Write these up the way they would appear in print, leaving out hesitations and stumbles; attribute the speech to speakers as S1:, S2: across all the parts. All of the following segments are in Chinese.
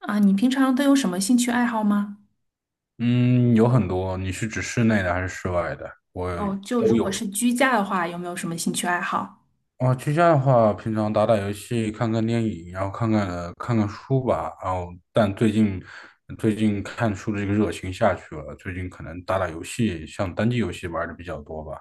S1: 啊，你平常都有什么兴趣爱好吗？
S2: 嗯，有很多。你是指室内的还是室外的？我
S1: 哦，就
S2: 都
S1: 如果
S2: 有。
S1: 是居家的话，有没有什么兴趣爱好？
S2: 啊，居家的话，平常打打游戏、看看电影，然后看看书吧。然后,但最近看书的这个热情下去了，最近可能打打游戏，像单机游戏玩的比较多吧。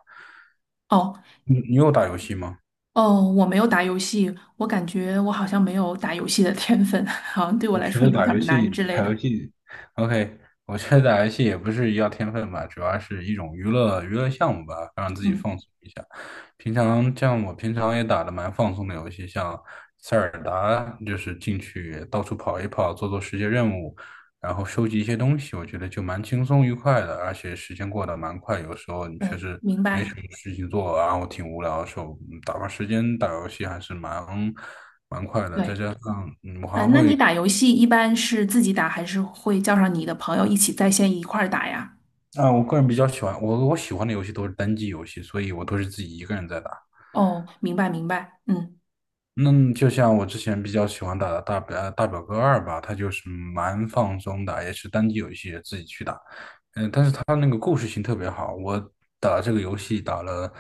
S1: 哦
S2: 你有打游戏吗？
S1: 哦，我没有打游戏，我感觉我好像没有打游戏的天分，好像对我
S2: 我
S1: 来
S2: 觉
S1: 说
S2: 得
S1: 有
S2: 打
S1: 点
S2: 游
S1: 儿难
S2: 戏，
S1: 之类
S2: 打
S1: 的。
S2: 游戏，OK,我觉得打游戏也不是要天分吧，主要是一种娱乐娱乐项目吧，让自己
S1: 嗯
S2: 放松一下。平常像我平常也打的蛮放松的游戏，像塞尔达，就是进去到处跑一跑，做做世界任务，然后收集一些东西，我觉得就蛮轻松愉快的，而且时间过得蛮快。有时候你确
S1: 嗯，
S2: 实
S1: 明
S2: 没什
S1: 白。
S2: 么事情做，然后挺无聊的时候，打发时间打游戏还是蛮快的。再
S1: 对，
S2: 加上
S1: 嗯，那你打游戏一般是自己打，还是会叫上你的朋友一起在线一块儿打呀？
S2: 啊，我个人比较喜欢我喜欢的游戏都是单机游戏，所以我都是自己一个人在打。
S1: 哦，明白明白。嗯。
S2: 那就像我之前比较喜欢打的大表哥二吧，它就是蛮放松的，也是单机游戏，自己去打。它那个故事性特别好，我打这个游戏打了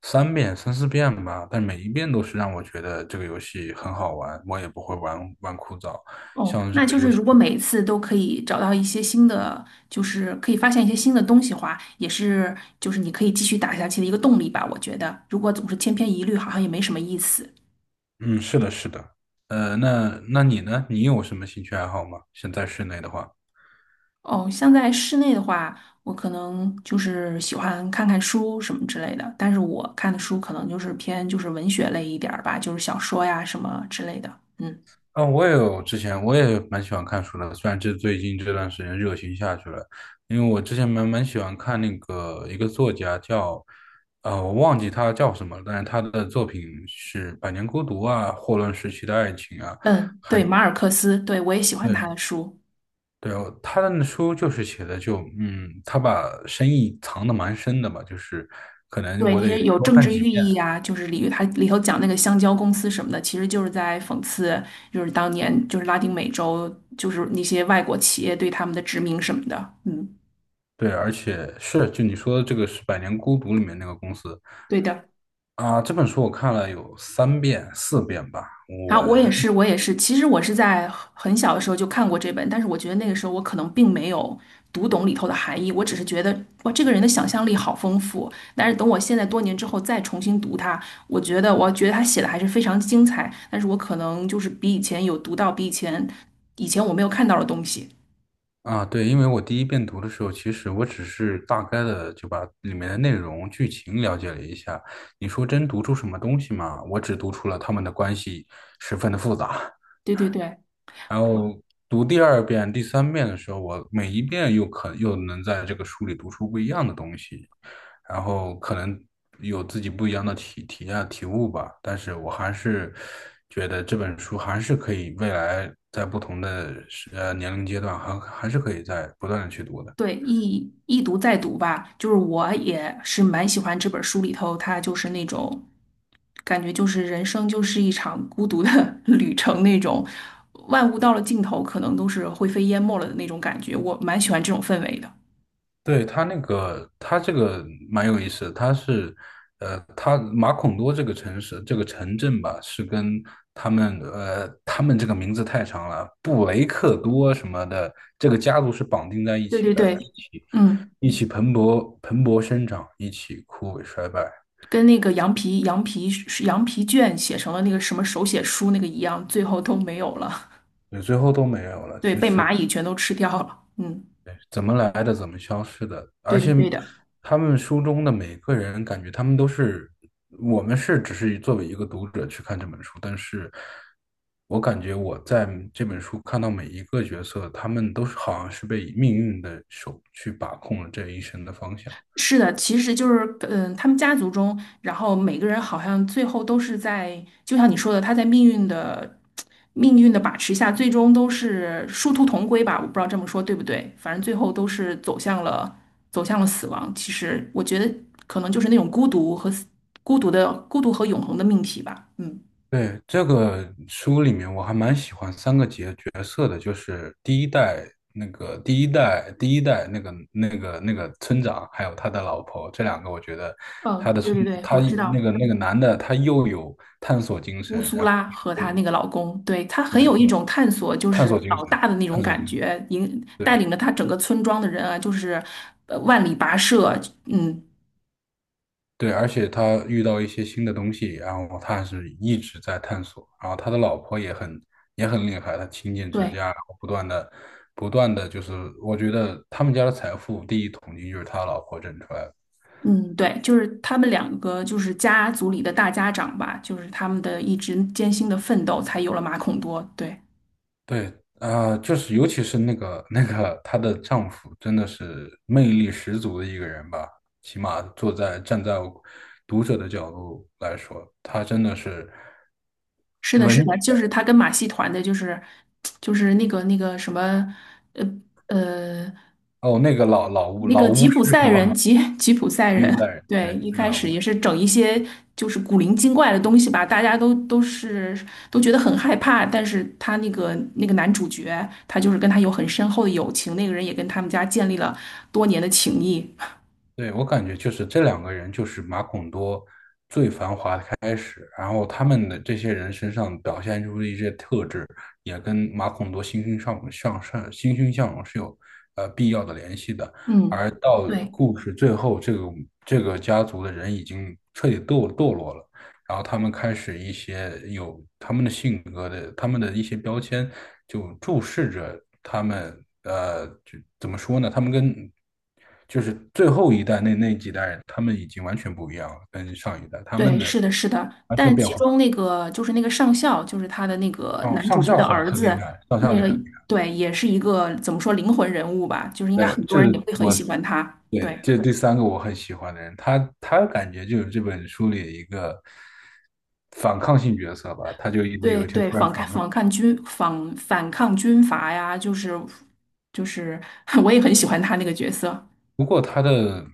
S2: 三四遍吧，但每一遍都是让我觉得这个游戏很好玩，我也不会玩枯燥。
S1: 哦，
S2: 像这
S1: 那
S2: 个
S1: 就
S2: 游
S1: 是
S2: 戏，
S1: 如果每一次都可以找到一些新的，就是可以发现一些新的东西的话，也是就是你可以继续打下去的一个动力吧。我觉得，如果总是千篇一律，好像也没什么意思。
S2: 嗯，是的，是的。那你呢？你有什么兴趣爱好吗？现在室内的话。
S1: 哦，像在室内的话，我可能就是喜欢看看书什么之类的，但是我看的书可能就是偏就是文学类一点儿吧，就是小说呀什么之类的。嗯
S2: 啊，我也有之前我也蛮喜欢看书的，虽然这最近这段时间热情下去了，因为我之前蛮喜欢看那个一个作家叫，我忘记他叫什么了，但是他的作品是《百年孤独》啊，《霍乱时期的爱情》啊，
S1: 嗯，
S2: 还
S1: 对，
S2: 有
S1: 马尔克斯，对，我也喜欢
S2: 对
S1: 他的书。
S2: 对，他的那书就是写的就他把深意藏得蛮深的吧，就是可能
S1: 对
S2: 我
S1: 那
S2: 得
S1: 些有
S2: 多
S1: 政
S2: 看
S1: 治
S2: 几
S1: 寓
S2: 遍，
S1: 意啊，就是它里头讲那个香蕉公司什么的，其实就是在讽刺，就是当年就是拉丁美洲，就是那些外国企业对他们的殖民什么的。嗯，
S2: 对，而且是就你说的这个是《百年孤独》里面那个公司。
S1: 对的。
S2: 啊，这本书我看了有三遍、四遍吧。
S1: 然
S2: 我
S1: 后我也是，我也是。其实我是在很小的时候就看过这本，但是我觉得那个时候我可能并没有读懂里头的含义，我只是觉得哇，这个人的想象力好丰富。但是等我现在多年之后再重新读它，我觉得我觉得他写的还是非常精彩，但是我可能就是比以前有读到比以前以前我没有看到的东西。
S2: 啊，对，因为我第一遍读的时候，其实我只是大概的就把里面的内容、剧情了解了一下。你说真读出什么东西吗？我只读出了他们的关系十分的复杂。
S1: 对对对。
S2: 然后读第二遍、第三遍的时候，我每一遍又能在这个书里读出不一样的东西，然后可能有自己不一样的体验、体悟吧。但是我还是觉得这本书还是可以未来在不同的年龄阶段还是可以在不断的去读的。
S1: 对，一读再读吧，就是我也是蛮喜欢这本书里头，它就是那种感觉，就是人生就是一场孤独的 旅程那种，万物到了尽头，可能都是灰飞烟灭了的那种感觉，我蛮喜欢这种氛围的。
S2: 对，他那个，他这个蛮有意思的，他是,他马孔多这个城市，这个城镇吧，是跟他们,他们这个名字太长了，布雷克多什么的，这个家族是绑定在一
S1: 对
S2: 起
S1: 对
S2: 的，一
S1: 对，
S2: 起，
S1: 嗯，
S2: 一起蓬勃生长，一起枯萎衰败，
S1: 跟那个羊皮是羊皮卷写成了那个什么手写书那个一样，最后都没有了，
S2: 对，最后都没有 了。
S1: 对，
S2: 其
S1: 被
S2: 实
S1: 蚂蚁全都吃掉了。嗯，
S2: 怎么来的，怎么消失的。而
S1: 对的
S2: 且，
S1: 对的。
S2: 他们书中的每个人，感觉他们都是，我们是只是作为一个读者去看这本书，但是我感觉我在这本书看到每一个角色，他们都是好像是被命运的手去把控了这一生的方向。
S1: 是的，其实就是，嗯，他们家族中，然后每个人好像最后都是在，就像你说的，他在命运的把持下，最终都是殊途同归吧。我不知道这么说对不对，反正最后都是走向了死亡。其实我觉得可能就是那种孤独和永恒的命题吧。嗯
S2: 对，这个书里面我还蛮喜欢三个角色的，就是第一代那个第一代那个村长，还有他的老婆，这两个我觉得他
S1: 嗯，
S2: 的村
S1: 对对对，
S2: 他
S1: 我知
S2: 那
S1: 道。
S2: 个那个男的他又有探索精
S1: 乌
S2: 神，
S1: 苏
S2: 然后
S1: 拉和她那个老公，对，她很
S2: 对
S1: 有一
S2: 对
S1: 种探索就
S2: 探
S1: 是
S2: 索精
S1: 老
S2: 神
S1: 大的那种
S2: 探索
S1: 感
S2: 精神，
S1: 觉，引带
S2: 对，
S1: 领着她整个村庄的人啊，就是呃万里跋涉，嗯，
S2: 对，而且他遇到一些新的东西，然后他还是一直在探索。然后他的老婆也很厉害，他勤俭持
S1: 对，
S2: 家，然后不断的就是，我觉得他们家的财富第一桶金就是他老婆挣出来的。
S1: 嗯，对，就是他们两个就是家族里的大家长吧，就是他们的一直艰辛的奋斗，才有了马孔多。对，
S2: 对，啊、就是尤其是那个她的丈夫，真的是魅力十足的一个人吧。起码坐在站在读者的角度来说，他真的是
S1: 是的，
S2: 文
S1: 是的，
S2: 学
S1: 就是他跟马戏团的，就是那个什么，呃。呃，
S2: 哦，那个老老巫
S1: 那
S2: 老
S1: 个
S2: 巫
S1: 吉
S2: 师
S1: 普赛
S2: 是
S1: 人，
S2: 吗？
S1: 吉吉普赛
S2: 伊布
S1: 人，
S2: 赛人，
S1: 对，
S2: 对，
S1: 一
S2: 那个
S1: 开
S2: 老巫。
S1: 始也是整一些就是古灵精怪的东西吧，大家都觉得很害怕，但是他那个男主角，他就是跟他有很深厚的友情，那个人也跟他们家建立了多年的情谊。
S2: 对，我感觉就是这两个人就是马孔多，开始，然后他们的这些人身上表现出的一些特质，也跟马孔多欣欣向上、欣欣向荣是有必要的联系的。
S1: 嗯，
S2: 而到
S1: 对
S2: 故事最后，这个家族的人已经彻底堕落了，然后他们开始一些有他们的性格的，他们的一些标签，就注视着他们，呃，就怎么说呢？他们跟就是最后一代那几代人，他们已经完全不一样了，跟上一代，他
S1: 对，
S2: 们的
S1: 是的，是的。
S2: 完全
S1: 但
S2: 变
S1: 其
S2: 化。
S1: 中那个就是那个上校，就是他的那个
S2: 哦，
S1: 男主
S2: 上
S1: 角
S2: 校
S1: 的
S2: 很
S1: 儿
S2: 很
S1: 子，
S2: 厉害，上校
S1: 那
S2: 也
S1: 个
S2: 很厉害。
S1: 对，也是一个怎么说灵魂人物吧，就是应该
S2: 对，
S1: 很
S2: 这
S1: 多人也
S2: 是
S1: 会很
S2: 我，
S1: 喜欢他。
S2: 对，
S1: 对。
S2: 这是第三个我很喜欢的人，他感觉就是这本书里一个反抗性角色吧，他就
S1: 对
S2: 有一天
S1: 对，
S2: 突然
S1: 反抗
S2: 反抗。
S1: 反抗军反反抗军阀呀，就是，我也很喜欢他那个角色。
S2: 不过他的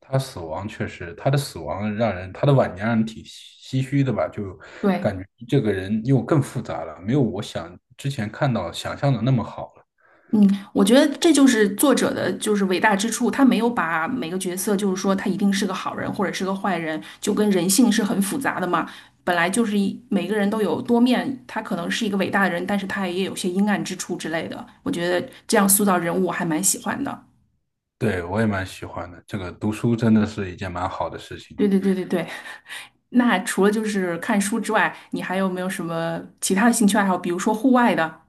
S2: 他死亡确实，他的死亡让人他的晚年让人挺唏嘘的吧，就
S1: 对，
S2: 感觉这个人又更复杂了，没有我想之前看到想象的那么好了。
S1: 嗯，我觉得这就是作者的就是伟大之处，他没有把每个角色就是说他一定是个好人或者是个坏人，就跟人性是很复杂的嘛。本来就是每个人都有多面，他可能是一个伟大的人，但是他也有些阴暗之处之类的。我觉得这样塑造人物我还蛮喜欢的。
S2: 对，我也蛮喜欢的，这个读书真的是一件蛮好的事情。
S1: 对对对对对。那除了就是看书之外，你还有没有什么其他的兴趣爱好？比如说户外的。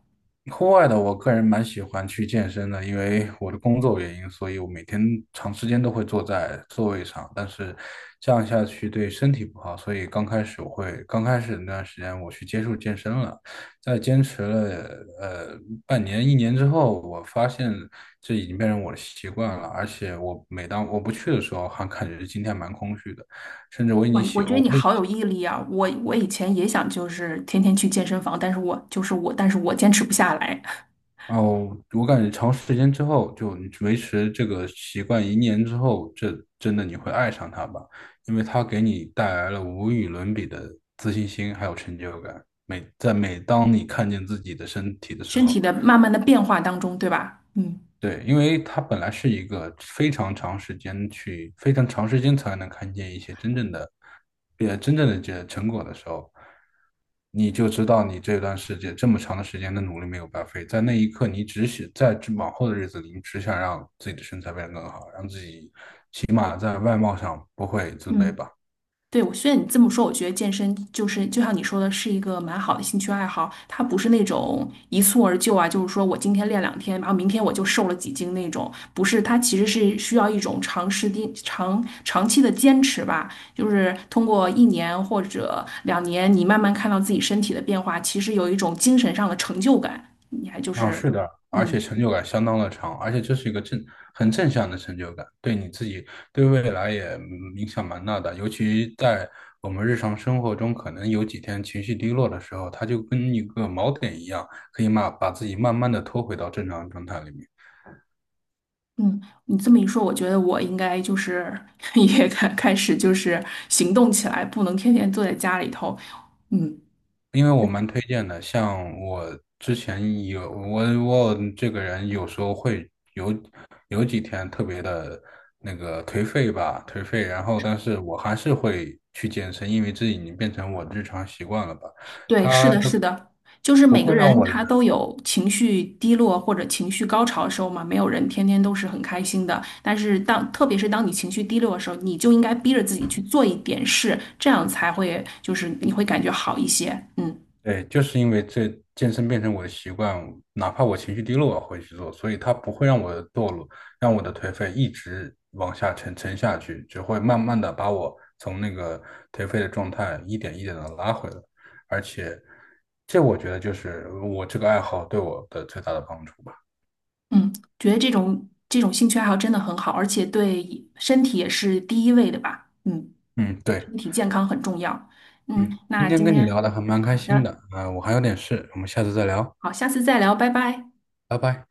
S2: 户外的，我个人蛮喜欢去健身的，因为我的工作原因，所以我每天长时间都会坐在座位上，但是这样下去对身体不好，所以刚开始我会，刚开始那段时间我去接触健身了，在坚持了呃半年一年之后，我发现这已经变成我的习惯了，而且我每当我不去的时候，还感觉今天蛮空虚的，甚至我已经
S1: 哇，我
S2: 喜，
S1: 觉得
S2: 我
S1: 你好有毅力啊！我以前也想就是天天去健身房，但是我就是我，但是我坚持不下来，
S2: 哦，我感觉长时间之后，就你维持这个习惯一年之后，这真的你会爱上它吧？因为它给你带来了无与伦比的自信心，还有成就感。每在每当你看见自己的身体的 时
S1: 身体
S2: 候。
S1: 的慢慢的变化当中，对吧？嗯
S2: 对，因为它本来是一个非常长时间去，非常长时间才能看见一些真正的，真正的这成果的时候，你就知道你这段时间这么长的时间的努力没有白费。在那一刻，你只想在这往后的日子里，你只想让自己的身材变得更好，让自己起码在外貌上不会自卑
S1: 嗯。
S2: 吧。
S1: 对，我虽然你这么说，我觉得健身就是就像你说的，是一个蛮好的兴趣爱好。它不是那种一蹴而就啊，就是说我今天练两天，然后明天我就瘦了几斤那种。不是，它其实是需要一种长时间、长期的坚持吧。就是通过一年或者两年，你慢慢看到自己身体的变化，其实有一种精神上的成就感。你还就
S2: 啊，
S1: 是，
S2: 是的，而且
S1: 嗯。
S2: 成就感相当的长，而且这是一个很正向的成就感，对你自己对未来也影响蛮大的。尤其在我们日常生活中，可能有几天情绪低落的时候，它就跟一个锚点一样，可以慢把自己慢慢的拖回到正常状态里面。
S1: 嗯，你这么一说，我觉得我应该就是 也开始就是行动起来，不能天天坐在家里头。嗯，
S2: 因为我蛮推荐的，像我之前我这个人有时候会有几天特别的那个颓废吧，颓废，然后但是我还是会去健身，因为这已经变成我日常习惯了吧，
S1: 对，是
S2: 它
S1: 的，是的，就是
S2: 不
S1: 每个
S2: 会让
S1: 人
S2: 我
S1: 他都有情绪低落或者情绪高潮的时候嘛，没有人天天都是很开心的。但是当特别是当你情绪低落的时候，你就应该逼着自己去做一点事，这样才会就是你会感觉好一些。嗯
S2: 对，就是因为这健身变成我的习惯，哪怕我情绪低落，我会去做，所以它不会让我的堕落，让我的颓废一直往下沉下去，只会慢慢的把我从那个颓废的状态一点一点的拉回来。而且，这我觉得就是我这个爱好对我的最大的帮助吧。
S1: 嗯，觉得这种兴趣爱好真的很好，而且对身体也是第一位的吧。嗯。
S2: 嗯，对，
S1: 身体健康很重要。嗯，
S2: 嗯，今
S1: 那
S2: 天
S1: 今
S2: 跟你聊
S1: 天
S2: 的还蛮开
S1: 好
S2: 心
S1: 的，
S2: 的，啊、我还有点事，我们下次再聊，
S1: 好，下次再聊，拜拜。
S2: 拜拜。